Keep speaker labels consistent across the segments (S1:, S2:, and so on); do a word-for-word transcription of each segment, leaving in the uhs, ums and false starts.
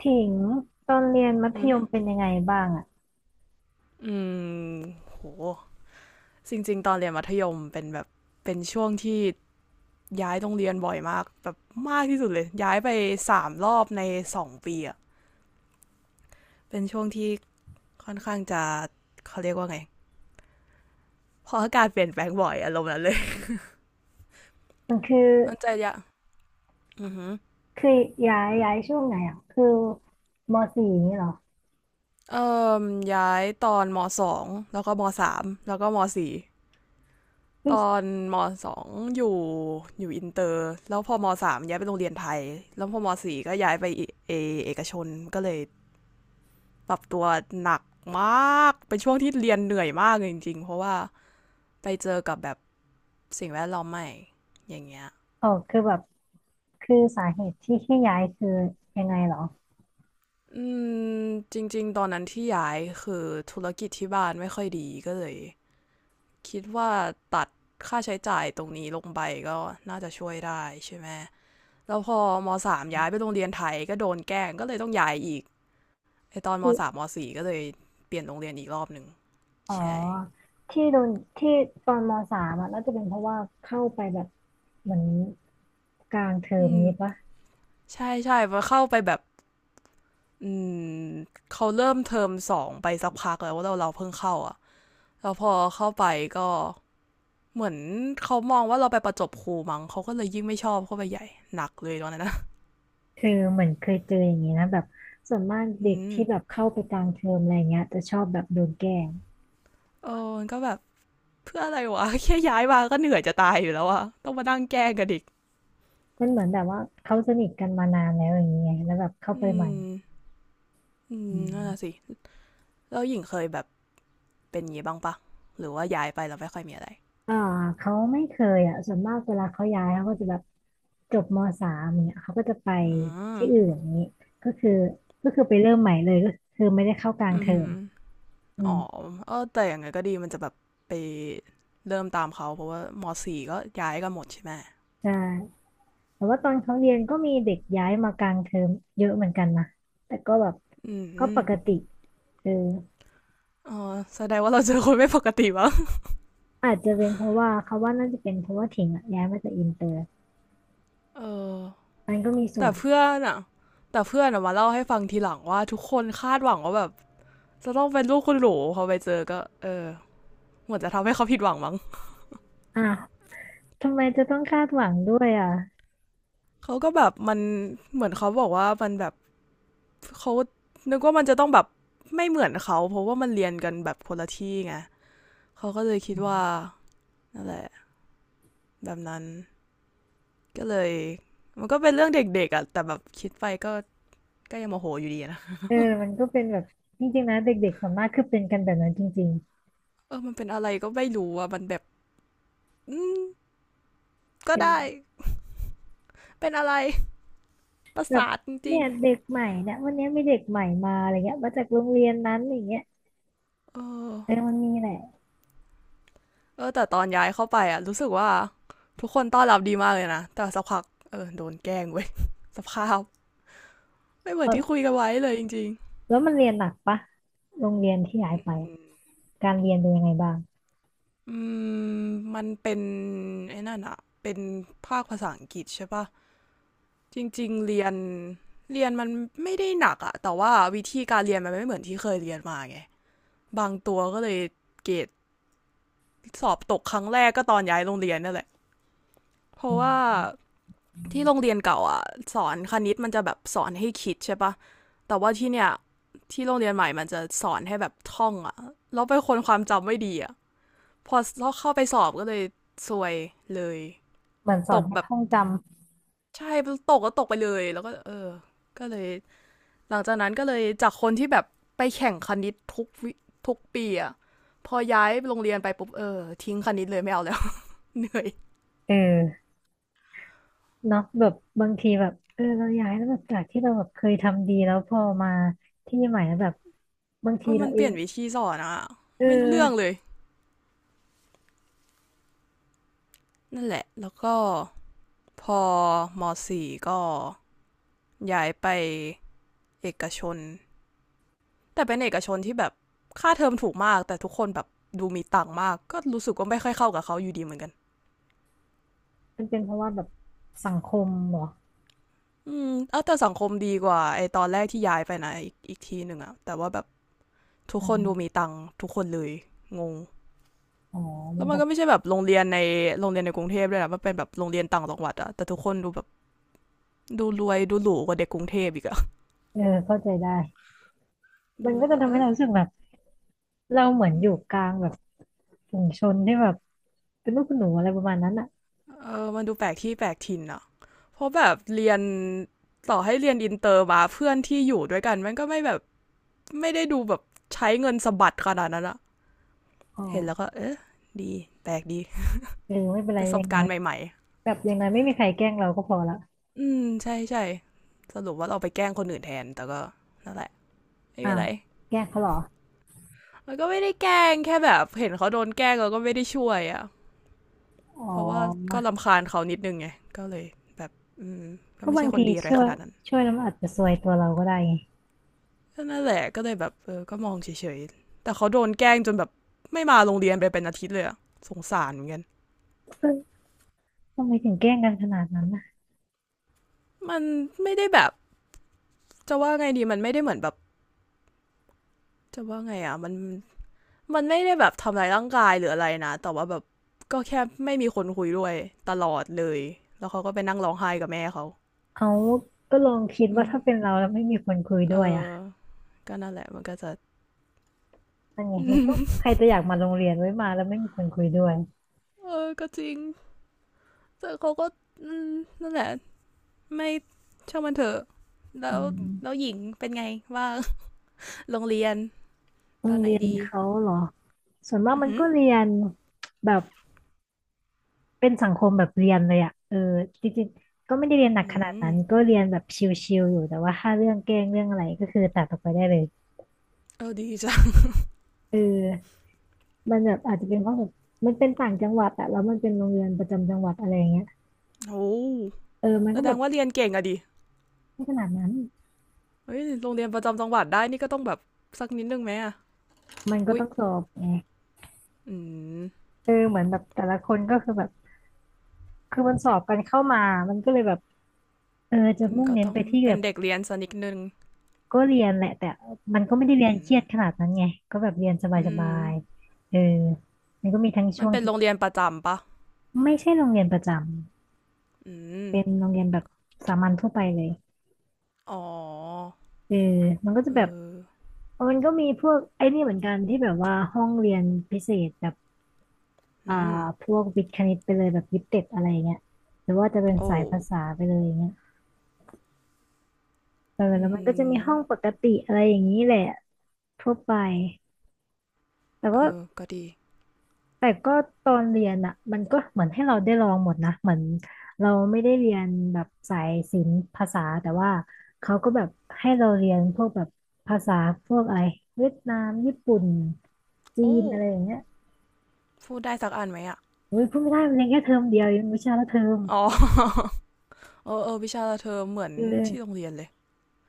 S1: ถิงตอนเรียนมัธ
S2: อื
S1: ย
S2: ม
S1: มเป็นยังไงบ้างอ่ะ
S2: อืมโหจริงๆตอนเรียนมัธยมเป็นแบบ เป็นช่วงที่ย้ายโรงเรียนบ่อยมากแบบมากที่สุดเลยย้ายไปสามรอบในสองปีอะเป็นช่วงที่ค่อนข้างจะเขาเรียกว่าไงพออากาศเปลี่ยนแปลงบ่อยอารมณ์นั้นเลย
S1: มันคือ
S2: มันจะยะอือหือ
S1: คือย้ายย้ายช่วงไหนอ่ะคือมสี่นี่เหรอ
S2: เอ่มย้ายตอนมสองแล้วก็มสามแล้วก็มสี่ ตอ
S1: ที
S2: น
S1: ่
S2: มสองอยู่อยู่อินเตอร์แล้วพอมสามย้ายไปโรงเรียนไทยแล้วพอมสี่ก็ย้ายไปเอเอกชนก็เลยปรับตัวหนักมากเป็นช่วงที่เรียนเหนื่อยมากเลยจริงๆเพราะว่าไปเจอกับแบบสิ่งแวดล้อมใหม่อย่างเงี้ย
S1: อ๋อคือแบบคือสาเหตุที่ที่ย้ายคือยังไงเหรอ
S2: อืมจริงๆตอนนั้นที่ย้ายคือธุรกิจที่บ้านไม่ค่อยดีก็เลยคิดว่าตัดค่าใช้จ่ายตรงนี้ลงไปก็น่าจะช่วยได้ใช่ไหม แล้วพอมสามย้ายไปโรงเรียนไทยก็โดนแกล้งก็เลยต้องย้ายอีกไอตอนม
S1: คือ
S2: สามมสี่ก็เลยเปลี่ยนโรงเรียนอีกรอบหนึ่ง
S1: อ๋อ
S2: ใช่
S1: ที่โดนที่ตอนมสามอ่ะน่าจะเป็นเพราะว่าเข้าไปแบบเหมือนกลางเทอม
S2: อืม
S1: นี้ปะ
S2: ใช่ใช่พอเข้าไปแบบอืมเขาเริ่มเทอมสองไปสักพักแล้วว่าเราเราเพิ่งเข้าอ่ะแล้วพอเข้าไปก็เหมือนเขามองว่าเราไปประจบครูมั้งเขาก็เลยยิ่งไม่ชอบเข้าไปใหญ่หนักเลยตอนนั้นนะ
S1: คือเหมือนเคยเจออย่างนี้นะแบบส่วนมากเด็
S2: อื
S1: ก
S2: ม
S1: ที่แบบเข้าไปกลางเทอมอะไรเงี้ยจะชอบแบบโดนแกล้ง
S2: เออมันก็แบบเพื่ออะไรวะ แค่ย้ายมาก็เหนื่อยจะตายอยู่แล้วอะต้องมานั่งแกล้งกันอีก
S1: มันเหมือนแบบว่าเขาสนิทกันมานานแล้วอย่างเงี้ยแล้วแบบเข้า
S2: อื
S1: ไปใหม่
S2: มอืม
S1: อื
S2: นั่นแหละสิ
S1: ม
S2: แล้วหญิงเคยแบบเป็นอย่างนี้บ้างปะหรือว่าย้ายไปแล้วไม่ค่อยมีอะไร
S1: อ่าเขาไม่เคยอ่ะส่วนมากเวลาเขาย้ายเขาก็จะแบบจบมสามเนี่ยเขาก็จะไป
S2: อื
S1: ที่อื่น
S2: ม
S1: อย่างนี้ก็คือก็คือไปเริ่มใหม่เลยก็คือไม่ได้เข้ากลาง
S2: อื
S1: เทอม
S2: ม
S1: อื
S2: อ๋อ
S1: ม
S2: เออแต่อย่างไงก็ดีมันจะแบบไปเริ่มตามเขาเพราะว่ามสี่ก็ย้ายกันหมดใช่ไหม
S1: ใช่แต่ว่าตอนเขาเรียนก็มีเด็กย้ายมากลางเทอมเยอะเหมือนกันนะแต่ก็แบบ
S2: อื
S1: ก็ป
S2: ม
S1: กติเออ
S2: อ๋อแสดงว่าเราเจอคนไม่ปกติวะ
S1: อาจจะเป็นเพราะว่าเขาว่าน่าจะเป็นเพราะว่าถิงอะย้ายมาจากอินเตอร์
S2: เออ
S1: มันก็มีส่ว
S2: แต่
S1: น
S2: เพื่อนอะแต่เพื่อนอะมาเล่าให้ฟังทีหลังว่าทุกคนคาดหวังว่าแบบจะต้องเป็นลูกคุณหลูพอไปเจอก็เออเหมือนจะทำให้เขาผิดหวังมั้ง
S1: อ่ะทำไมจะต้องคาดหวังด้วยอ่ะ
S2: เขาก็แบบมันเหมือนเขาบอกว่ามันแบบ เขานึกว่ามันจะต้องแบบไม่เหมือนเขาเพราะว่ามันเรียนกันแบบคนละที่ไงเขาก็เลยคิดว่านั่นแหละแบบนั้นก็เลยมันก็เป็นเรื่องเด็กๆอะแต่แบบคิดไปก็ก็ยังโมโหอยู่ดีนะ
S1: เออมันก็เป็นแบบจริงๆนะเด็กๆส่วนมากคือเป็นกันแบบนั้นจริง
S2: เออมันเป็นอะไรก็ไม่รู้อะมันแบบอืม
S1: ๆ
S2: ก็
S1: เป็น
S2: ได้เป็นอะไรประ
S1: แบบ
S2: สาทจริ
S1: เนี่
S2: ง
S1: ยเด็กใหม่เนี่ยวันนี้มีเด็กใหม่มาอะไรเงี้ยมาจากโรงเรียนนั้นอย่างเงี้ย
S2: ๆเออ
S1: เออมันมีแหละ
S2: เออแต่ตอนย้ายเข้าไปอะรู้สึกว่าทุกคนต้อนรับดีมากเลยนะแต่สักพักเออโดนแกล้งเว้ย สภาพไม่เหมือนที่
S1: เออ
S2: คุยกันไว้เลยจริง
S1: แล้วมันเรียนหนักปะโรงเรียนที่ย้ายไปอะ
S2: ๆ
S1: การเรียนเป็นยังไงบ้าง
S2: อืมมันเป็นไอ้นั่นอะเป็นภาคภาษาอังกฤษใช่ปะ จริงๆเรียนเรียนมันไม่ได้หนักอะแต่ว่าวิธีการเรียนมันไม่เหมือนที่เคยเรียนมาไงบางตัวก็เลยเกรดสอบตกครั้งแรกก็ตอนย้ายโรงเรียนนั่นแหละเพ
S1: อื
S2: ราะว่า
S1: ม
S2: ที่โรงเรียนเก่าอะสอนคณิตมันจะแบบสอนให้คิดใช่ปะแต่ว่าที่เนี่ยที่โรงเรียนใหม่มันจะสอนให้แบบท่องอะแล้วเป็นคนความจำไม่ดีอะพอเข้าไปสอบก็เลยซวยเลย
S1: เหมือนสอ
S2: ต
S1: น
S2: ก
S1: ให้
S2: แบบ
S1: ท่องจ
S2: ใช่ตกก็ตกไปเลยแล้วก็เออก็เลย หลังจากนั้นก็เลยจากคนที่แบบไปแข่งคณิตทุกวิทุกปีอะพอย้ายโรงเรียนไปปุ๊บเออทิ้งคณิตเลยไม่เอาแล้ว เหนื่อย
S1: ำเออเนาะแบบบางทีแบบเออเราย้ายแล้วแบบจากที่เราแบบเคยทำดีแล้วพอมาที่ใหม่แล้วแบบบาง
S2: เอ
S1: ที
S2: อมั
S1: เรา
S2: นเป
S1: เอ
S2: ลี่
S1: ง
S2: ยนวิธีสอนอะ
S1: เอ
S2: ไม่รู้เรื่อง
S1: อ
S2: เลย นั่นแหละ แล้วก็พอมสี่ก็ย้ายไปเอกชนแต่เป็นเอกชนที่แบบค่าเทอมถูกมาก แต่ทุกคนแบบดูมีตังค์มาก ก็รู้สึกว่าไม่ค่อยเข้ากับเขาอยู่ดีเหมือนกัน
S1: มันเป็นเพราะว่าแบบสังคมเหรอ
S2: อืมเอาแต่สังคมดีกว่าไอตอนแรกที่ย้ายไปนะอีกอีกทีหนึ่งอะแต่ว่าแบบทุกคนดูมีตังค์ทุกคนเลยงง
S1: อ๋อ
S2: แล้
S1: มั
S2: ว
S1: น
S2: มั
S1: จะ
S2: นก็ไม่ใช่แบบโรงเรียนในโรงเรียนในกรุงเทพด้วยนะมันเป็นแบบโรงเรียนต่างจังหวัดอะแต่ทุกคนดูแบบดูรวยดูหรูกว่าเด็กกรุงเทพอีกอะ
S1: เออเข้าใจได้มั
S2: ดู
S1: นก็
S2: แล้ว
S1: จะ
S2: ก็เอ
S1: ทำให้
S2: อ
S1: เรารู้สึกแบบเราเหมือน
S2: อื
S1: อ
S2: ม
S1: ยู่กลางแบบฝูงชนที่แบบเป็นลูกคุณหนูอะไรประมาณนั้นอ่ะ
S2: เออมันดูแปลกที่แปลกถิ่นอะเพราะแบบเรียนต่อให้เรียนอินเตอร์มาเพื่อนที่อยู่ด้วยกันมันก็ไม่แบบไม่ได้ดูแบบใช้เงินสะบัดขนาดนั้นอะ
S1: อ๋อ
S2: เห็นแล้วก็เออดีแปลกดี
S1: เออไม่เป็นไร
S2: ป
S1: อ
S2: ระ
S1: ย่า
S2: สบ
S1: ง
S2: กา
S1: น้อ
S2: ร
S1: ย
S2: ณ์ใหม่
S1: แบบอยังไ้ไม่มีใครแกล้งเราก็พอละ
S2: อืมใช่ใช่สรุปว่าเราไปแกล้งคนอื่นแทนแต่ก็นั่นแหละไม่
S1: อ้า
S2: มีอะ
S1: ว
S2: ไร
S1: แกล้งเขาเหรอ
S2: มันก็ไม่ได้แกล้งแค่แบบเห็นเขาโดนแกล้งเราก็ไม่ได้ช่วยอะ่ะ
S1: อ๋
S2: เพราะว่า
S1: อ
S2: ก็รำคาญเขานิดนึงไงก็เลยแบบอืมก็
S1: ก็
S2: ไม่
S1: บา
S2: ใช่
S1: ง
S2: ค
S1: ที
S2: นดีอะไร
S1: ช่ว
S2: ข
S1: ย
S2: นาดนั้น
S1: ช่วยแล้วมันอาจจะซวยตัวเราก็ได้ไง
S2: ก็นั่นแหละก็เลยแบบเออก็มองเฉยๆแต่เขาโดนแกล้งจนแบบไม่มาโรงเรียนไปเป็นอาทิตย์เลยอะสงสารเหมือนกัน
S1: เออทำไมถึงแกล้งกันขนาดนั้นนะ
S2: มันไม่ได้แบบจะว่าไงดีมันไม่ได้เหมือนแบบจะว่าไงอ่ะมัน มันไม่ได้แบบทำร้ายร่างกายหรืออะไรนะแต่ว่าแบบก็แค่ไม่มีคนคุยด้วยตลอดเลยแล้วเขาก็ไปนั่งร้องไห้กับแม่เขา
S1: เอาก็ลองคิด
S2: อื
S1: ว่า
S2: ม
S1: ถ้าเป็นเราแล้วไม่มีคนคุย
S2: เอ
S1: ด้วยอ่ะ
S2: อก็นั่นแหละมันก็จะ
S1: มันไงมันก็ใคร จะอยากมาโรงเรียนไว้มาแล้วไม่มีคนคุยด้วย
S2: เออก็จริงแต่เขาก็อืมนั่นแหละไม่ช่างมันเถอะแล้
S1: อื
S2: วแล้ว
S1: ม
S2: หญิงเป็นไงว่าโรงเรียน
S1: โร
S2: ต
S1: ง
S2: อนไหน
S1: เรียน
S2: ดี
S1: เขาเหรอส่วนมาก
S2: อือ
S1: มัน
S2: หือ
S1: ก็เรียนแบบเป็นสังคมแบบเรียนเลยอะเออจริงๆก็ไม่ได้เรียนหนัก
S2: อื
S1: ขนาด
S2: ม
S1: นั้นก็เรียนแบบชิลๆอยู่แต่ว่าถ้าเรื่องแกล้งเรื่องอะไรก็คือตัดออกไปได้เลย
S2: เออดีจ้ะ
S1: เออมันแบบอาจจะเป็นเพราะแบบมันเป็นต่างจังหวัดอะแล้วมันเป็นโรงเรียนประจำจังหวัดอะไรอย่างเงี้ย
S2: โอ้
S1: เออมัน
S2: แส
S1: ก็
S2: ด
S1: แบ
S2: ง
S1: บ
S2: ว่าเรียนเก่งอะดิ
S1: ไม่ขนาดนั้น
S2: เฮ้ยโรงเรียนประจำจังหวัดได้นี่ก็ต้องแบบสักนิดนึงไหมอะ
S1: มันก็
S2: อุ๊ย
S1: ต้องสอบไง
S2: อืม
S1: เออเหมือนแบบแต่ละคนก็คือแบบคือมันสอบกันเข้ามามันก็เลยแบบเออจะ
S2: ม
S1: มุ่ง
S2: ก็
S1: เน้น
S2: ต้อ
S1: ไป
S2: ง
S1: ที่แบ
S2: เป็น
S1: บ
S2: เด็กเรียนสันิดนึง
S1: ก็เรียนแหละแต่ มันก็ไม่ได้
S2: อื
S1: เรีย
S2: ม
S1: นเครียดขนาดนั้นไงก็แบบเรียนส
S2: อื
S1: บา
S2: ม
S1: ยๆเออมันก็มีทั้ง
S2: มั
S1: ช่
S2: น
S1: วง
S2: เป็น
S1: ที่
S2: โรงเรียนประจำปะ
S1: ไม่ใช่โรงเรียนประจ
S2: อื
S1: ำ
S2: ม
S1: เป็นโรงเรียนแบบสามัญทั่วไปเลย
S2: อ๋อ
S1: เออมันก็จะ
S2: เอ
S1: แบบ
S2: อ
S1: เออมันก็มีพวกไอ้นี่เหมือนกันที่แบบว่าห้องเรียนพิเศษแบบอ่า
S2: อืม
S1: พวกวิทย์คณิตไปเลยแบบยิปเต็ดอะไรเงี้ยหรือว่าจะเป็น
S2: โอ้
S1: สายภาษาไปเลยอย่างเงี้ยเออ
S2: อื
S1: แล้วมันก็จะมี
S2: ม
S1: ห้องปกติอะไรอย่างนี้แหละทั่วไปแต่
S2: เอ
S1: ว่า
S2: อก็ดี
S1: แต่ก็ตอนเรียนอ่ะมันก็เหมือนให้เราได้ลองหมดนะเหมือนเราไม่ได้เรียนแบบสายศิลป์ภาษาแต่ว่าเขาก็แบบให้เราเรียนพวกแบบภาษาพวกอะไรเวียดนามญี่ปุ่นจี
S2: โอ้
S1: นอะไรอย่างเงี้ย
S2: พูดได้สักอันไหมอ่ะ
S1: อุ้ยพูดไม่ได้มันเรียนแค่เทอมเดียวเองวิชาละเทอม
S2: อ๋อ เออเออวิชาเธอเหมือน
S1: เอ
S2: ที่โรง
S1: อ
S2: เรียนเลย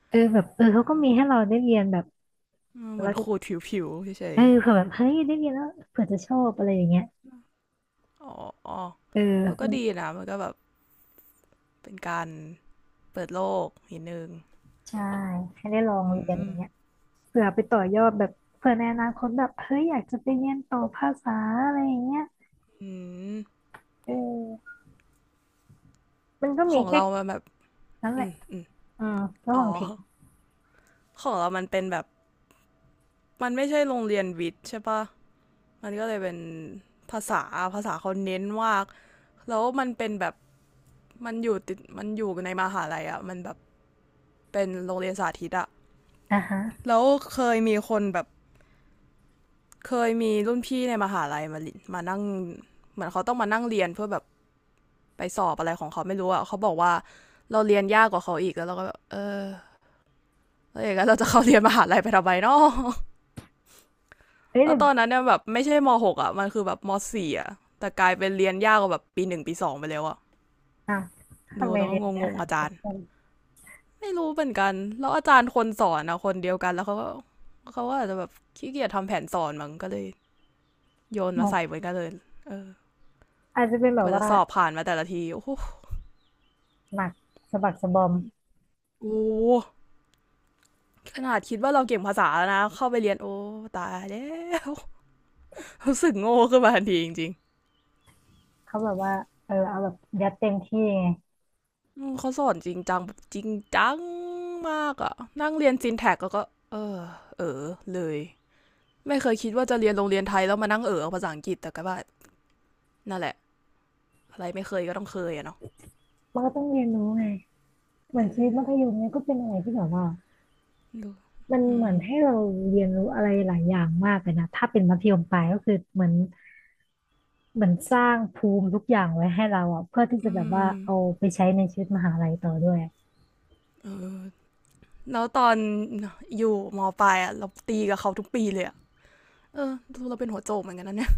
S1: เออแบบเออเขาก็มีให้เราได้เรียนแบบ
S2: อืมเหมื
S1: เรา
S2: อน
S1: จะ
S2: ขูดผิวๆเฉ
S1: เอ
S2: ย
S1: อเผื่อแบบเฮ้ยได้เรียนแล้วเผื่อจะชอบอะไรอย่างเงี้ย
S2: ๆอ๋อ
S1: เออ
S2: เออก็
S1: มัน
S2: ดีนะมันก็แบบเป็นการเปิดโลกนิดนึง
S1: ใช่ให้ได้ลอง
S2: อื
S1: เรียนอ
S2: ม
S1: ย่างเงี้ย เผื่อไปต่อยอดแบบเผื่อในอนาคตแบบเฮ้ยอยากจะไปเรียนต่อภาษาอะไรอย่างเงี้ย
S2: อืม
S1: เออมันก็
S2: ข
S1: มี
S2: อง
S1: แค่
S2: เรามันแบบ
S1: นั้นแห
S2: อื
S1: ละ
S2: มอืม
S1: อืมก็ข
S2: อ๋อ
S1: องถิง
S2: ของเรามันเป็นแบบมันไม่ใช่โรงเรียนวิทย์ใช่ปะมันก็เลยเป็นภาษาภาษาเขาเน้นมากแล้วมันเป็นแบบมันอยู่ติดมันอยู่ในมหาลัยอะ่ะมันแบบเป็นโรงเรียนสาธิตอะ
S1: อ่ะฮะ
S2: แล้วเคยมีคนแบบเคยมีรุ่นพี่ในมหาลัยมามานั่งเหมือนเขาต้องมานั่งเรียนเพื่อแบบไปสอบอะไรของเขาไม่รู้อ่ะเขาบอกว่าเราเรียนยากกว่าเขาอีกแล้วเราก็แบบเออแล้วอย่างนั้นเราจะเข้าเรียนมหาลัยไปทำไมเนาะ
S1: เฮ้ย
S2: แล้
S1: แต่
S2: วตอนนั้นเนี่ยแบบไม่ใช่มหกอ่ะมันคือแบบมสี่อ่ะแต่กลายเป็นเรียนยากกว่าแบบปีหนึ่งปีสองไปแล้วอ่ะ
S1: อ่ะ
S2: ดู
S1: ทำไม
S2: แล้วก็
S1: เรียนเนี้
S2: ง
S1: ย
S2: งๆ
S1: หา
S2: อาจา
S1: เพื่
S2: รย์
S1: อน
S2: ไม่รู้เหมือนกันแล้วอาจารย์คนสอนอะคนเดียวกันแล้วเขาก็เขาก็อาจจะแบบขี้เกียจทำแผนสอนมั้งก็เลยโยน
S1: อ๋
S2: มาใส่เห
S1: อ
S2: มือนกันเลยเออ
S1: อาจจะเป็นแบ
S2: ก
S1: บ
S2: ว่าจะ
S1: ว่า
S2: สอบผ่านมาแต่ละทีโอ้โห
S1: หนักสะบักสะบอม
S2: โอ้โหขนาดคิดว่าเราเก่งภาษาแล้วนะเข้าไปเรียนโอ้ตายแล้วรู้สึกโง่ขึ้นมาทันทีจริง
S1: เขาแบบว่าเออเอาแบบยัดเต็มที่ไง
S2: อืมเขาสอนจริงจังแบบจริงจังมากอะนั่งเรียนซินแท็กแล้วก็เออเออเลยไม่เคยคิดว่าจะเรียนโรงเรียนไทยแล้วมานั่งเออเอาภาษาอังกฤษแต่ก็ว่านั่นแหละอะไรไม่เคยก็ต้องเคยอะเนาะ
S1: มันก็ต้องเรียนรู้ไงเหมือนชีวิต
S2: เออ
S1: มัธยมเนี่ยก็เป็นอะไรที่แบบว่า
S2: ดู
S1: มัน
S2: อื
S1: เหมือ
S2: ม
S1: นให้เราเรียนรู้อะไรหลายอย่างมากเลยนะถ้าเป็นมัธยมปลายก็คือเหมือน เหมือนสร้างภูมิทุกอย่างไว้ให้เราอ่ะเพื่อที่
S2: อื
S1: จะ
S2: ม
S1: แบบ
S2: อื
S1: ว่า
S2: ม
S1: เอาไปใช้ในชีวิตมหาลัยต่อด้วย
S2: เออแล้วตอนอยู่มปลายอะเราตีกับเขาทุกปีเลยอะเออดูเราเป็นหัวโจกเหมือนกันนะเนี่ย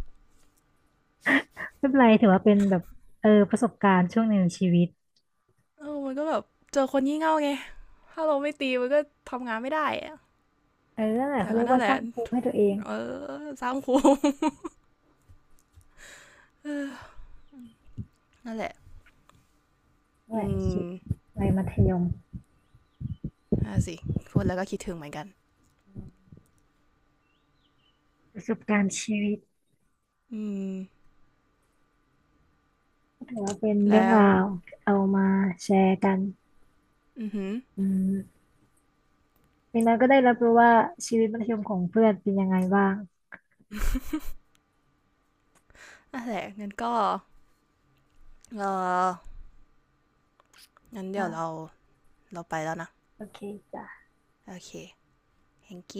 S1: ไม่เป็นไรถือว่าเป็นแบบเออประสบการณ์ช่วงหนึ่งในชีวิต
S2: เออมันก็แบบเจอคนงี่เง่าไงถ้าเราไม่ตีมันก็ทำงานไม่ได้อะ
S1: เออนั่นแหละ
S2: แต่
S1: เขาเรี
S2: ก็
S1: ยก
S2: นั่
S1: ว่า
S2: นแห
S1: ส
S2: ละ
S1: ร้างภูมิให้ตัวเอง
S2: เออสร้างครู นั่นแหละ
S1: นั่นแห
S2: อื
S1: ละชีวิ
S2: ม
S1: ตวัยมัธยม
S2: น่าสิพูดแล้วก็คิดถึงเหมือนกัน
S1: ประสบการณ์ชีวิต
S2: อืม
S1: ถือว่าเป็นเรื่อง
S2: แล้ว
S1: ราวเอามาแชร์กัน
S2: อือหือ
S1: อืมอย่างน้อยก็ได้รับรู้ว่าชีวิตมัธยมของเพื่อนเป็นยังไงบ้าง
S2: อ่ะแหละงั้นก็เอองั้นเดี๋ยวเรา
S1: อ่า
S2: เราไปแล้วนะ
S1: โอเคจ้ะ
S2: โอเคแ h a n k y